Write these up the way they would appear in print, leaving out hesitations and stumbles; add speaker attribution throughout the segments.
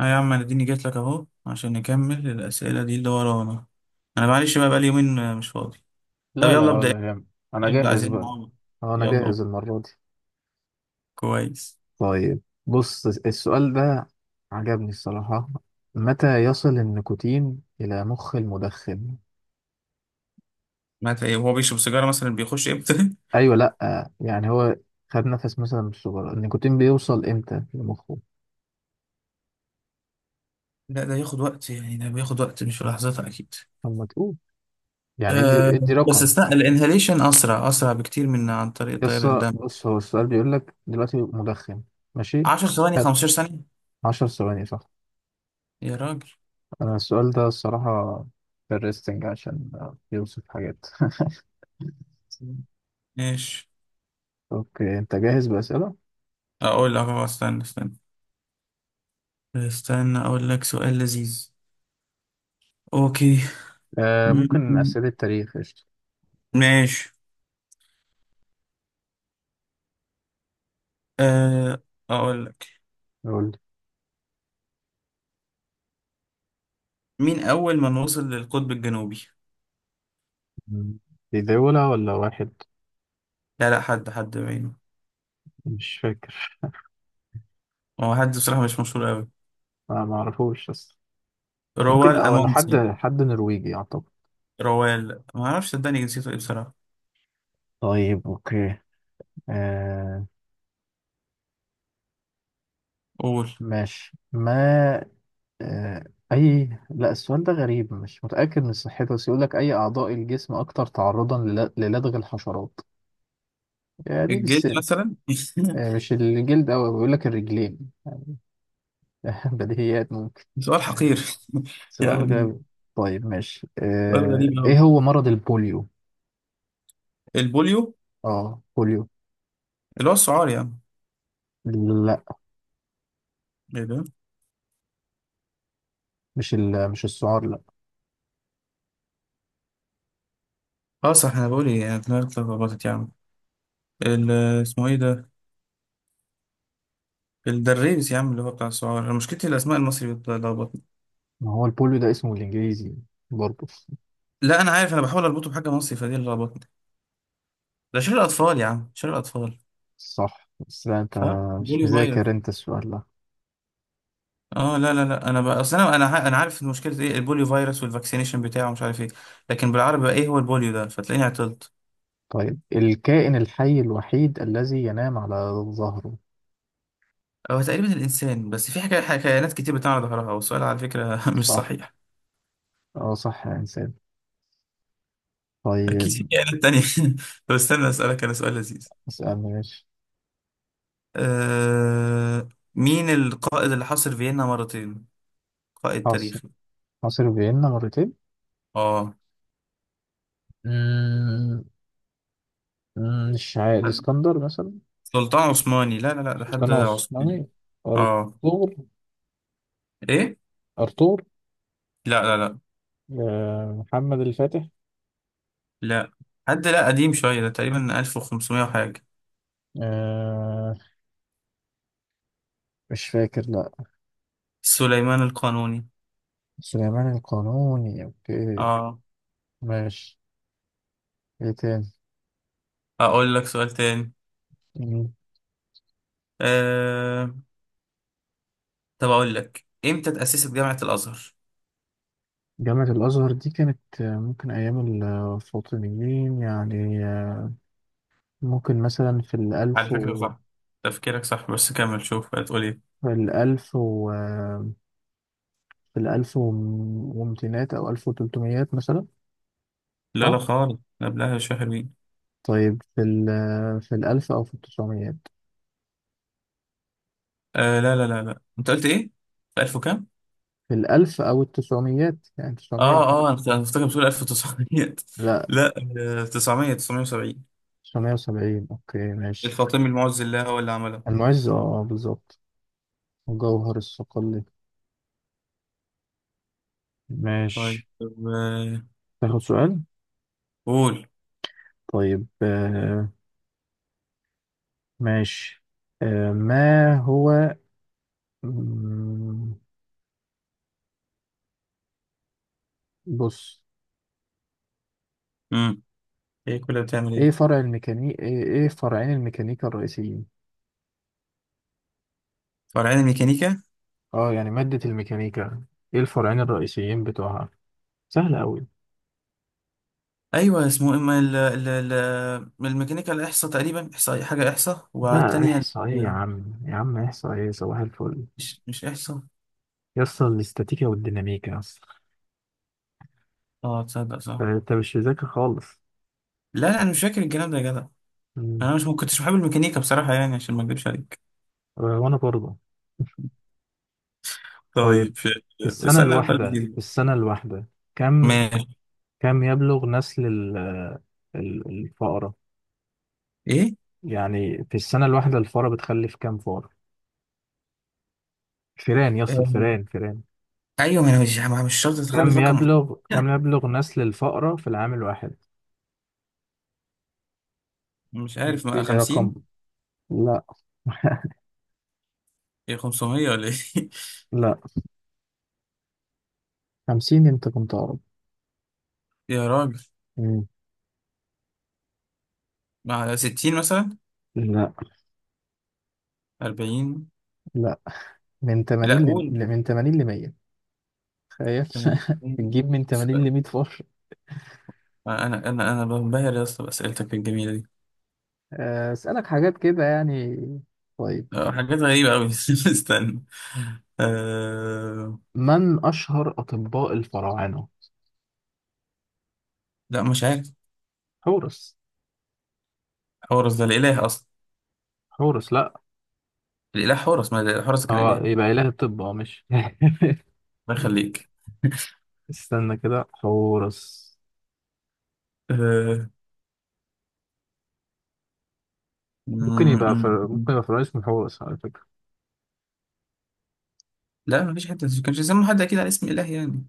Speaker 1: اه يا عم انا اديني جيت لك اهو عشان نكمل الاسئله دي اللي ورانا. انا معلش بقى بقالي يومين مش فاضي. طب
Speaker 2: لا
Speaker 1: يلا
Speaker 2: لا
Speaker 1: ابدا.
Speaker 2: ولا يهم. انا
Speaker 1: ابدا
Speaker 2: جاهز
Speaker 1: عايزين
Speaker 2: بقى.
Speaker 1: نعمل.
Speaker 2: اه انا
Speaker 1: يلا أهو.
Speaker 2: جاهز المرة دي.
Speaker 1: كويس.
Speaker 2: طيب، بص السؤال ده عجبني الصراحة. متى يصل النيكوتين إلى مخ المدخن؟
Speaker 1: مات ايه وهو بيشرب سيجاره مثلا بيخش امتى؟
Speaker 2: أيوة، لأ يعني هو خد نفس مثلا من السجارة، النيكوتين بيوصل إمتى لمخه؟
Speaker 1: لا ده ياخد وقت، يعني ده بياخد وقت، مش في لحظتها اكيد.
Speaker 2: لما تقول يعني ادي
Speaker 1: أه،
Speaker 2: ادي
Speaker 1: بس
Speaker 2: رقم.
Speaker 1: استنى الانهاليشن اسرع بكتير من عن طريق تيار
Speaker 2: بس
Speaker 1: الدم.
Speaker 2: بص، هو السؤال بيقول لك دلوقتي مدخن، ماشي؟
Speaker 1: 10 ثواني،
Speaker 2: خد،
Speaker 1: 15 ثانيه.
Speaker 2: 10 ثواني، صح.
Speaker 1: يا راجل
Speaker 2: أنا السؤال ده الصراحة interesting عشان بيوصف حاجات.
Speaker 1: ماشي.
Speaker 2: اوكي، انت جاهز بأسئلة؟
Speaker 1: اقول لك أهو، استنى اقول لك سؤال لذيذ. اوكي.
Speaker 2: آه،
Speaker 1: م-
Speaker 2: ممكن
Speaker 1: م-
Speaker 2: أسئلة التاريخ قشطة.
Speaker 1: ماشي. أه، أقول لك،
Speaker 2: قول.
Speaker 1: مين أول من وصل للقطب الجنوبي؟
Speaker 2: مم. لي مم. دي دولة ولا واحد؟
Speaker 1: لا، حد بعينه.
Speaker 2: مش فاكر.
Speaker 1: هو حد بصراحة مش مشهور أوي.
Speaker 2: أنا ما اعرفوش، بس ممكن،
Speaker 1: روال
Speaker 2: أو أنا حد
Speaker 1: أمونسن.
Speaker 2: حد نرويجي أعتقد.
Speaker 1: روال ما أعرفش صدقني جنسيته إيه بصراحة.
Speaker 2: طيب، أوكي. آه.
Speaker 1: قول.
Speaker 2: ماشي ما آه. أي لا، السؤال ده غريب، مش متأكد من صحته، بس يقول لك أي أعضاء الجسم أكثر تعرضا للدغ الحشرات. يعني دي
Speaker 1: الجلد
Speaker 2: مش،
Speaker 1: مثلا.
Speaker 2: آه، مش الجلد أوي، بيقول لك الرجلين. بديهيات.
Speaker 1: سؤال حقير.
Speaker 2: سؤال
Speaker 1: يعني
Speaker 2: غبي. طيب ماشي،
Speaker 1: سؤال
Speaker 2: آه،
Speaker 1: غريب
Speaker 2: ايه
Speaker 1: أوي.
Speaker 2: هو مرض البوليو؟
Speaker 1: البوليو
Speaker 2: اه، بوليو.
Speaker 1: اللي هو السعار يعني.
Speaker 2: لا،
Speaker 1: إيه ده؟
Speaker 2: مش السعار، لا.
Speaker 1: أه صح، أنا بقول إيه، يعني دماغي اتلخبطت يا عم. ال- اسمه إيه ده؟ الدريس يا عم اللي هو بتاع السعار. أنا مشكلتي الأسماء المصري بتلخبطني.
Speaker 2: ما هو البوليو ده اسمه الانجليزي برضه.
Speaker 1: لا أنا عارف، أنا بحاول أربطه بحاجة مصري فدي اللي لخبطتني. ده شر الاطفال يا عم، شر الاطفال.
Speaker 2: صح، بس لا انت
Speaker 1: صح،
Speaker 2: مش
Speaker 1: بوليو فيروس.
Speaker 2: مذاكر انت السؤال ده.
Speaker 1: اه، لا انا بقى اصل انا انا عارف ان مشكله ايه البوليو فيروس والفاكسينيشن بتاعه مش عارف ايه. لكن بالعربي بقى ايه هو البوليو ده، فتلاقيني عطلت.
Speaker 2: طيب، الكائن الحي الوحيد الذي ينام على ظهره؟
Speaker 1: هو تقريبا الانسان، بس في حكايات كتير بتاع على ظهرها، والسؤال على فكره مش
Speaker 2: صح.
Speaker 1: صحيح.
Speaker 2: اه صح، يا انسان.
Speaker 1: اكيد في
Speaker 2: طيب.
Speaker 1: كائنات تانية. طب استنى اسالك انا سؤال لذيذ.
Speaker 2: اسألني ماشي.
Speaker 1: آه... مين القائد اللي حاصر فيينا مرتين؟ قائد
Speaker 2: حاصر
Speaker 1: تاريخي.
Speaker 2: حاصر فيينا مرتين.
Speaker 1: اه.
Speaker 2: مم، مش عارف،
Speaker 1: حد-
Speaker 2: الاسكندر مثلا.
Speaker 1: سلطان عثماني. لا، ده حد
Speaker 2: كان
Speaker 1: عثماني.
Speaker 2: عثماني.
Speaker 1: اه.
Speaker 2: ارطغرل.
Speaker 1: ايه.
Speaker 2: ارطغرل.
Speaker 1: لا لا لا
Speaker 2: آه، محمد الفاتح.
Speaker 1: لا حد لا قديم شوية، ده تقريبا 1500 وحاجة.
Speaker 2: آه، مش فاكر لا.
Speaker 1: سليمان القانوني.
Speaker 2: سليمان القانوني، اوكي
Speaker 1: اه.
Speaker 2: ماشي. ايه تاني؟
Speaker 1: اقول لك سؤال تاني.
Speaker 2: مم.
Speaker 1: آه... طب اقول لك، امتى اتأسست جامعة الازهر؟
Speaker 2: جامعة الأزهر دي كانت آه، ممكن أيام الفاطميين، يعني آه، ممكن مثلا في
Speaker 1: على
Speaker 2: الألف
Speaker 1: فكرة
Speaker 2: و،
Speaker 1: صح، تفكيرك صح، بس كمل شوف هتقول ايه.
Speaker 2: في الألف و آه، في الألف ومتينات أو ألف وتلتميات مثلا.
Speaker 1: لا لا
Speaker 2: صح؟
Speaker 1: خالص، قبلها شوية حلوين.
Speaker 2: طيب في ال، آه، في الألف أو في التسعميات.
Speaker 1: آه، لا، انت قلت ايه؟ في 1000 وكام؟
Speaker 2: في الألف أو التسعميات، يعني تسعمية
Speaker 1: اه
Speaker 2: وحاجة.
Speaker 1: اه، أنا كنت فاكر بتقول 1900.
Speaker 2: لا،
Speaker 1: لا. آه، 900، 970.
Speaker 2: تسعمية وسبعين، أوكي ماشي.
Speaker 1: الفاطمي المعز الله هو اللي عملها.
Speaker 2: المعز، بالظبط. وجوهر الصقلي،
Speaker 1: طيب.
Speaker 2: ماشي.
Speaker 1: آه،
Speaker 2: تاخد سؤال؟
Speaker 1: قول.
Speaker 2: طيب آه، ماشي آه، ما هو، مم، بص.
Speaker 1: امم، ايه كلها بتعمل
Speaker 2: ايه
Speaker 1: ايه؟
Speaker 2: فرع الميكانيك، إيه فرعين الميكانيكا الرئيسيين؟
Speaker 1: فرعين ميكانيكا.
Speaker 2: اه يعني مادة الميكانيكا، ايه الفرعين الرئيسيين بتوعها؟ سهل قوي.
Speaker 1: ايوه اسمه، اما ال الميكانيكا الاحصاء، تقريبا احصاء، حاجه احصاء،
Speaker 2: لا،
Speaker 1: والتانيه
Speaker 2: احصائية يا
Speaker 1: ال-
Speaker 2: عم، يا عم احصائية، صباح الفل.
Speaker 1: مش احصاء.
Speaker 2: يسطا الاستاتيكا والديناميكا، يسطا.
Speaker 1: اه تصدق صح.
Speaker 2: انت مش مذاكر خالص.
Speaker 1: لا لا، انا مش فاكر الكلام ده يا جدع.
Speaker 2: مم.
Speaker 1: انا مش ما كنتش بحب الميكانيكا بصراحه، يعني عشان ما اكذبش عليك.
Speaker 2: آه، وانا برضه. طيب،
Speaker 1: طيب اسالنا بقى
Speaker 2: في
Speaker 1: الفيديو.
Speaker 2: السنة الواحدة، كم
Speaker 1: ماشي.
Speaker 2: كم يبلغ نسل الفأرة؟
Speaker 1: ايه.
Speaker 2: يعني في السنة الواحدة الفأرة بتخلف كم فأرة. فئران يا اسطى،
Speaker 1: آه،
Speaker 2: الفئران فئران.
Speaker 1: ايوه، ما انا مش شرط تخلي في رقم محدد.
Speaker 2: كم يبلغ نسل الفأرة في العام الواحد؟
Speaker 1: مش عارف، ما
Speaker 2: اديني
Speaker 1: 50.
Speaker 2: رقم. لا.
Speaker 1: ايه 500 ولا ايه؟
Speaker 2: لا، 50، انت كنت اقرب.
Speaker 1: يا راجل.
Speaker 2: مم.
Speaker 1: مع 60 مثلا.
Speaker 2: لا
Speaker 1: 40.
Speaker 2: لا، من
Speaker 1: لا
Speaker 2: 80
Speaker 1: قول.
Speaker 2: من 80 ل 100. تخيل.
Speaker 1: 80.
Speaker 2: تجيب من 80 ل 100 فار.
Speaker 1: انا بنبهر يا اسطى باسئلتك الجميله دي.
Speaker 2: آه، اسالك حاجات كده يعني. طيب.
Speaker 1: آه، حاجات غريبه قوي. استنى. أه...
Speaker 2: من أشهر أطباء الفراعنة؟
Speaker 1: لا مش عارف.
Speaker 2: حورس.
Speaker 1: حورس ده الاله اصلا.
Speaker 2: حورس، لأ.
Speaker 1: الاله حورس، ما حورس كان
Speaker 2: هو
Speaker 1: اله.
Speaker 2: يبقى إله الطب أه، مش.
Speaker 1: الله يخليك.
Speaker 2: استنى كده، حورس.
Speaker 1: أه... م- م- م.
Speaker 2: ممكن يبقى فرعون اسمه حورس، على فكرة.
Speaker 1: لا مفيش حد، ما فيش حته كانش يسموا حد اكيد على اسم اله يعني.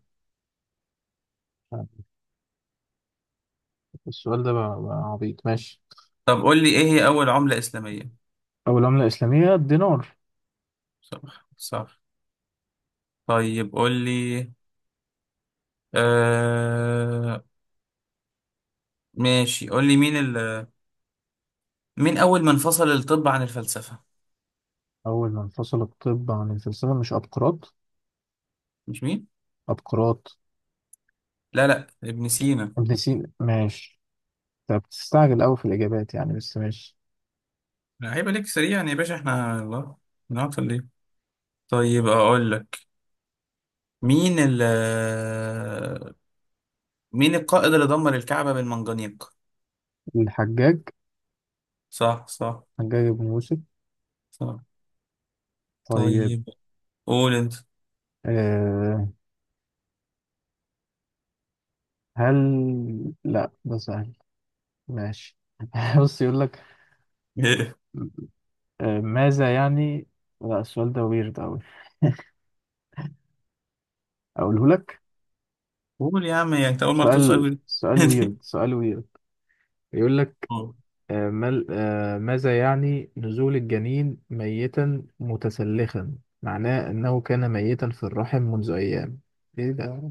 Speaker 2: السؤال ده بقى عبيط، ماشي.
Speaker 1: طب قول لي، ايه هي اول عمله اسلاميه؟
Speaker 2: أول عملة إسلامية، الدينار.
Speaker 1: صح صح. طيب قول لي، أه... ماشي قول لي، مين اول من فصل الطب عن الفلسفه؟
Speaker 2: أول ما انفصل الطب عن الفلسفة، مش أبقراط؟
Speaker 1: مش مين؟
Speaker 2: أبقراط.
Speaker 1: لا لا، ابن سينا.
Speaker 2: ابن سينا، ماشي. طب بتستعجل أوي في الإجابات يعني، بس ماشي.
Speaker 1: لا، هيبقى ليك سريعا يا باشا، احنا الله بنعطل ليه. طيب اقول لك، مين ال مين القائد اللي دمر الكعبة بالمنجنيق؟
Speaker 2: الحجاج.
Speaker 1: صح صح
Speaker 2: حجاج بن يوسف.
Speaker 1: صح.
Speaker 2: طيب.
Speaker 1: طيب. قول انت.
Speaker 2: أه. لا ده سهل، ماشي. بص، يقول لك آه، ماذا يعني، لا السؤال ده ويرد أوي، أقوله لك.
Speaker 1: قول يا عم، يعني انت اول مرة تسأل
Speaker 2: سؤال ويرد،
Speaker 1: دي.
Speaker 2: سؤال ويرد. يقول لك
Speaker 1: أه.
Speaker 2: آه، مال آه، ماذا يعني نزول الجنين ميتا متسلخا، معناه أنه كان ميتا في الرحم منذ أيام. إيه ده؟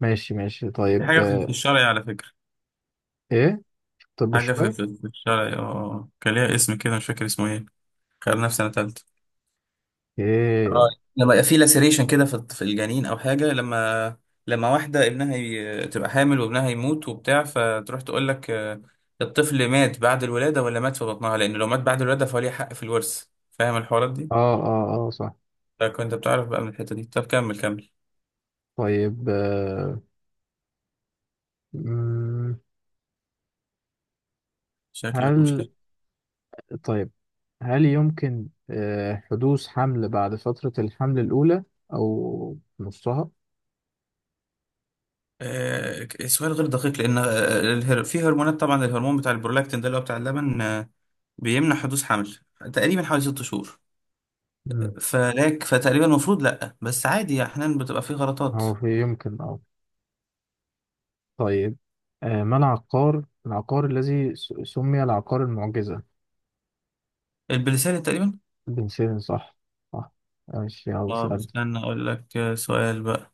Speaker 2: ماشي ماشي،
Speaker 1: دي
Speaker 2: طيب
Speaker 1: حاجة في في
Speaker 2: آه.
Speaker 1: الشرعي على فكرة.
Speaker 2: إيه؟ طب
Speaker 1: حاجة في
Speaker 2: الشرعي.
Speaker 1: في في الشرعي، اه كان ليها اسم كده مش فاكر اسمه ايه. خلينا في سنة تالتة. اه.
Speaker 2: إيه؟
Speaker 1: لما يبقى في لاسيريشن كده في في الجنين او حاجه. لما لما واحده ابنها تبقى حامل وابنها يموت وبتاع، فتروح تقول لك آه، الطفل مات بعد الولاده ولا مات في بطنها، لان لو مات بعد الولاده فهو ليه حق في الورث. فاهم الحوارات دي؟
Speaker 2: آه آه آه، صح.
Speaker 1: فكنت بتعرف بقى من الحته دي. طب كمل كمل.
Speaker 2: طيب آه، مم،
Speaker 1: شكلك مش
Speaker 2: هل،
Speaker 1: لاقي.
Speaker 2: طيب، هل يمكن آه، حدوث حمل بعد فترة الحمل الأولى أو نصها؟
Speaker 1: آه سؤال غير دقيق، لان في هرمونات طبعا، الهرمون بتاع البرولاكتين ده اللي هو بتاع اللبن، بيمنع حدوث حمل تقريبا حوالي ست شهور.
Speaker 2: مم.
Speaker 1: فلاك، فتقريبا المفروض لا، بس عادي احيانا بتبقى في غلطات.
Speaker 2: هو في يمكن، أه. طيب، آه، ما العقار، الذي سمي العقار المعجزة؟
Speaker 1: البلساني تقريبا.
Speaker 2: بن سيرين، صح. صح. ماشي، يلا
Speaker 1: اه
Speaker 2: اسأل.
Speaker 1: استنى اقول لك، سؤال بقى.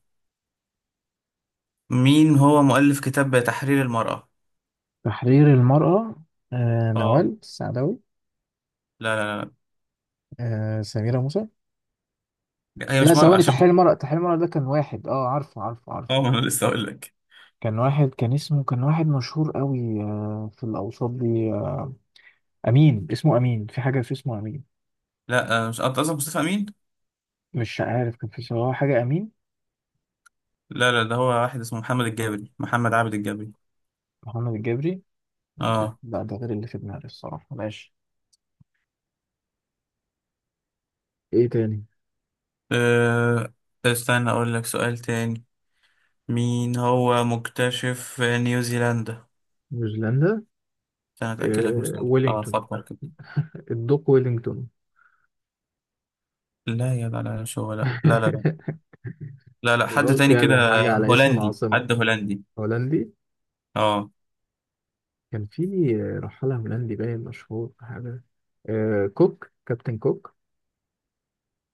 Speaker 1: مين هو مؤلف كتاب تحرير المرأة؟
Speaker 2: تحرير المرأة، آه،
Speaker 1: اه.
Speaker 2: نوال السعداوي.
Speaker 1: لا لا،
Speaker 2: آه، سميرة موسى.
Speaker 1: هي
Speaker 2: لا
Speaker 1: مش مرأة
Speaker 2: ثواني،
Speaker 1: عشان.
Speaker 2: تحرير المرأة ده كان واحد، اه عارفه عارفه عارفه.
Speaker 1: اه، ما انا لسه اقول لك.
Speaker 2: كان واحد، كان واحد مشهور قوي آه، في الأوساط دي. امين، اسمه امين، في حاجه، في اسمه امين.
Speaker 1: لا، مش انت قصدك مصطفى امين.
Speaker 2: مش عارف، كان في صراحه حاجه امين.
Speaker 1: لا لا، ده هو واحد اسمه محمد الجابري، محمد عابد الجابري.
Speaker 2: محمد الجبري. لا.
Speaker 1: اه.
Speaker 2: ده غير اللي في دماغي الصراحه، ماشي. ايه تاني؟
Speaker 1: آه، استنى اقول لك سؤال تاني. مين هو مكتشف نيوزيلندا؟
Speaker 2: نيوزيلندا.
Speaker 1: استنى اتاكد لك من
Speaker 2: إيه؟
Speaker 1: سؤال، اه
Speaker 2: ويلينغتون،
Speaker 1: فكر كده.
Speaker 2: الدوق ويلينغتون.
Speaker 1: لا يا، لا مش هو، لا.
Speaker 2: انا
Speaker 1: لا حد
Speaker 2: قلت
Speaker 1: تاني كده.
Speaker 2: يعني حاجه على اسم
Speaker 1: هولندي،
Speaker 2: العاصمه.
Speaker 1: حد هولندي.
Speaker 2: هولندي.
Speaker 1: اه.
Speaker 2: كان في رحاله هولندي باين مشهور حاجه. إيه، كوك، كابتن كوك.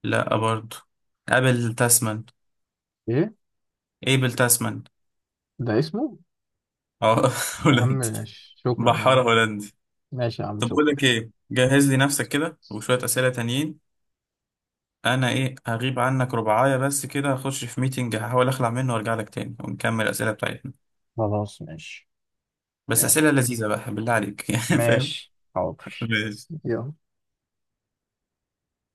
Speaker 1: لا برضو. ابل تاسمان.
Speaker 2: ايه
Speaker 1: ايبل تاسمان.
Speaker 2: ده اسمه.
Speaker 1: اه.
Speaker 2: يا
Speaker 1: هولندي،
Speaker 2: عم شكرا يا
Speaker 1: بحارة
Speaker 2: عم.
Speaker 1: هولندي.
Speaker 2: ماشي يا عم،
Speaker 1: طب بقول
Speaker 2: شكرا.
Speaker 1: لك ايه، جهز لي نفسك كده وشوية اسئلة تانيين. انا ايه هغيب عنك ربعاية بس كده، هخش في ميتنج هحاول اخلع منه وارجع لك تاني ونكمل الاسئلة بتاعتنا.
Speaker 2: خلاص ماشي.
Speaker 1: بس
Speaker 2: يلا.
Speaker 1: اسئلة لذيذة بقى بالله عليك يعني، فاهم؟
Speaker 2: ماشي حاضر.
Speaker 1: ماشي.
Speaker 2: يلا.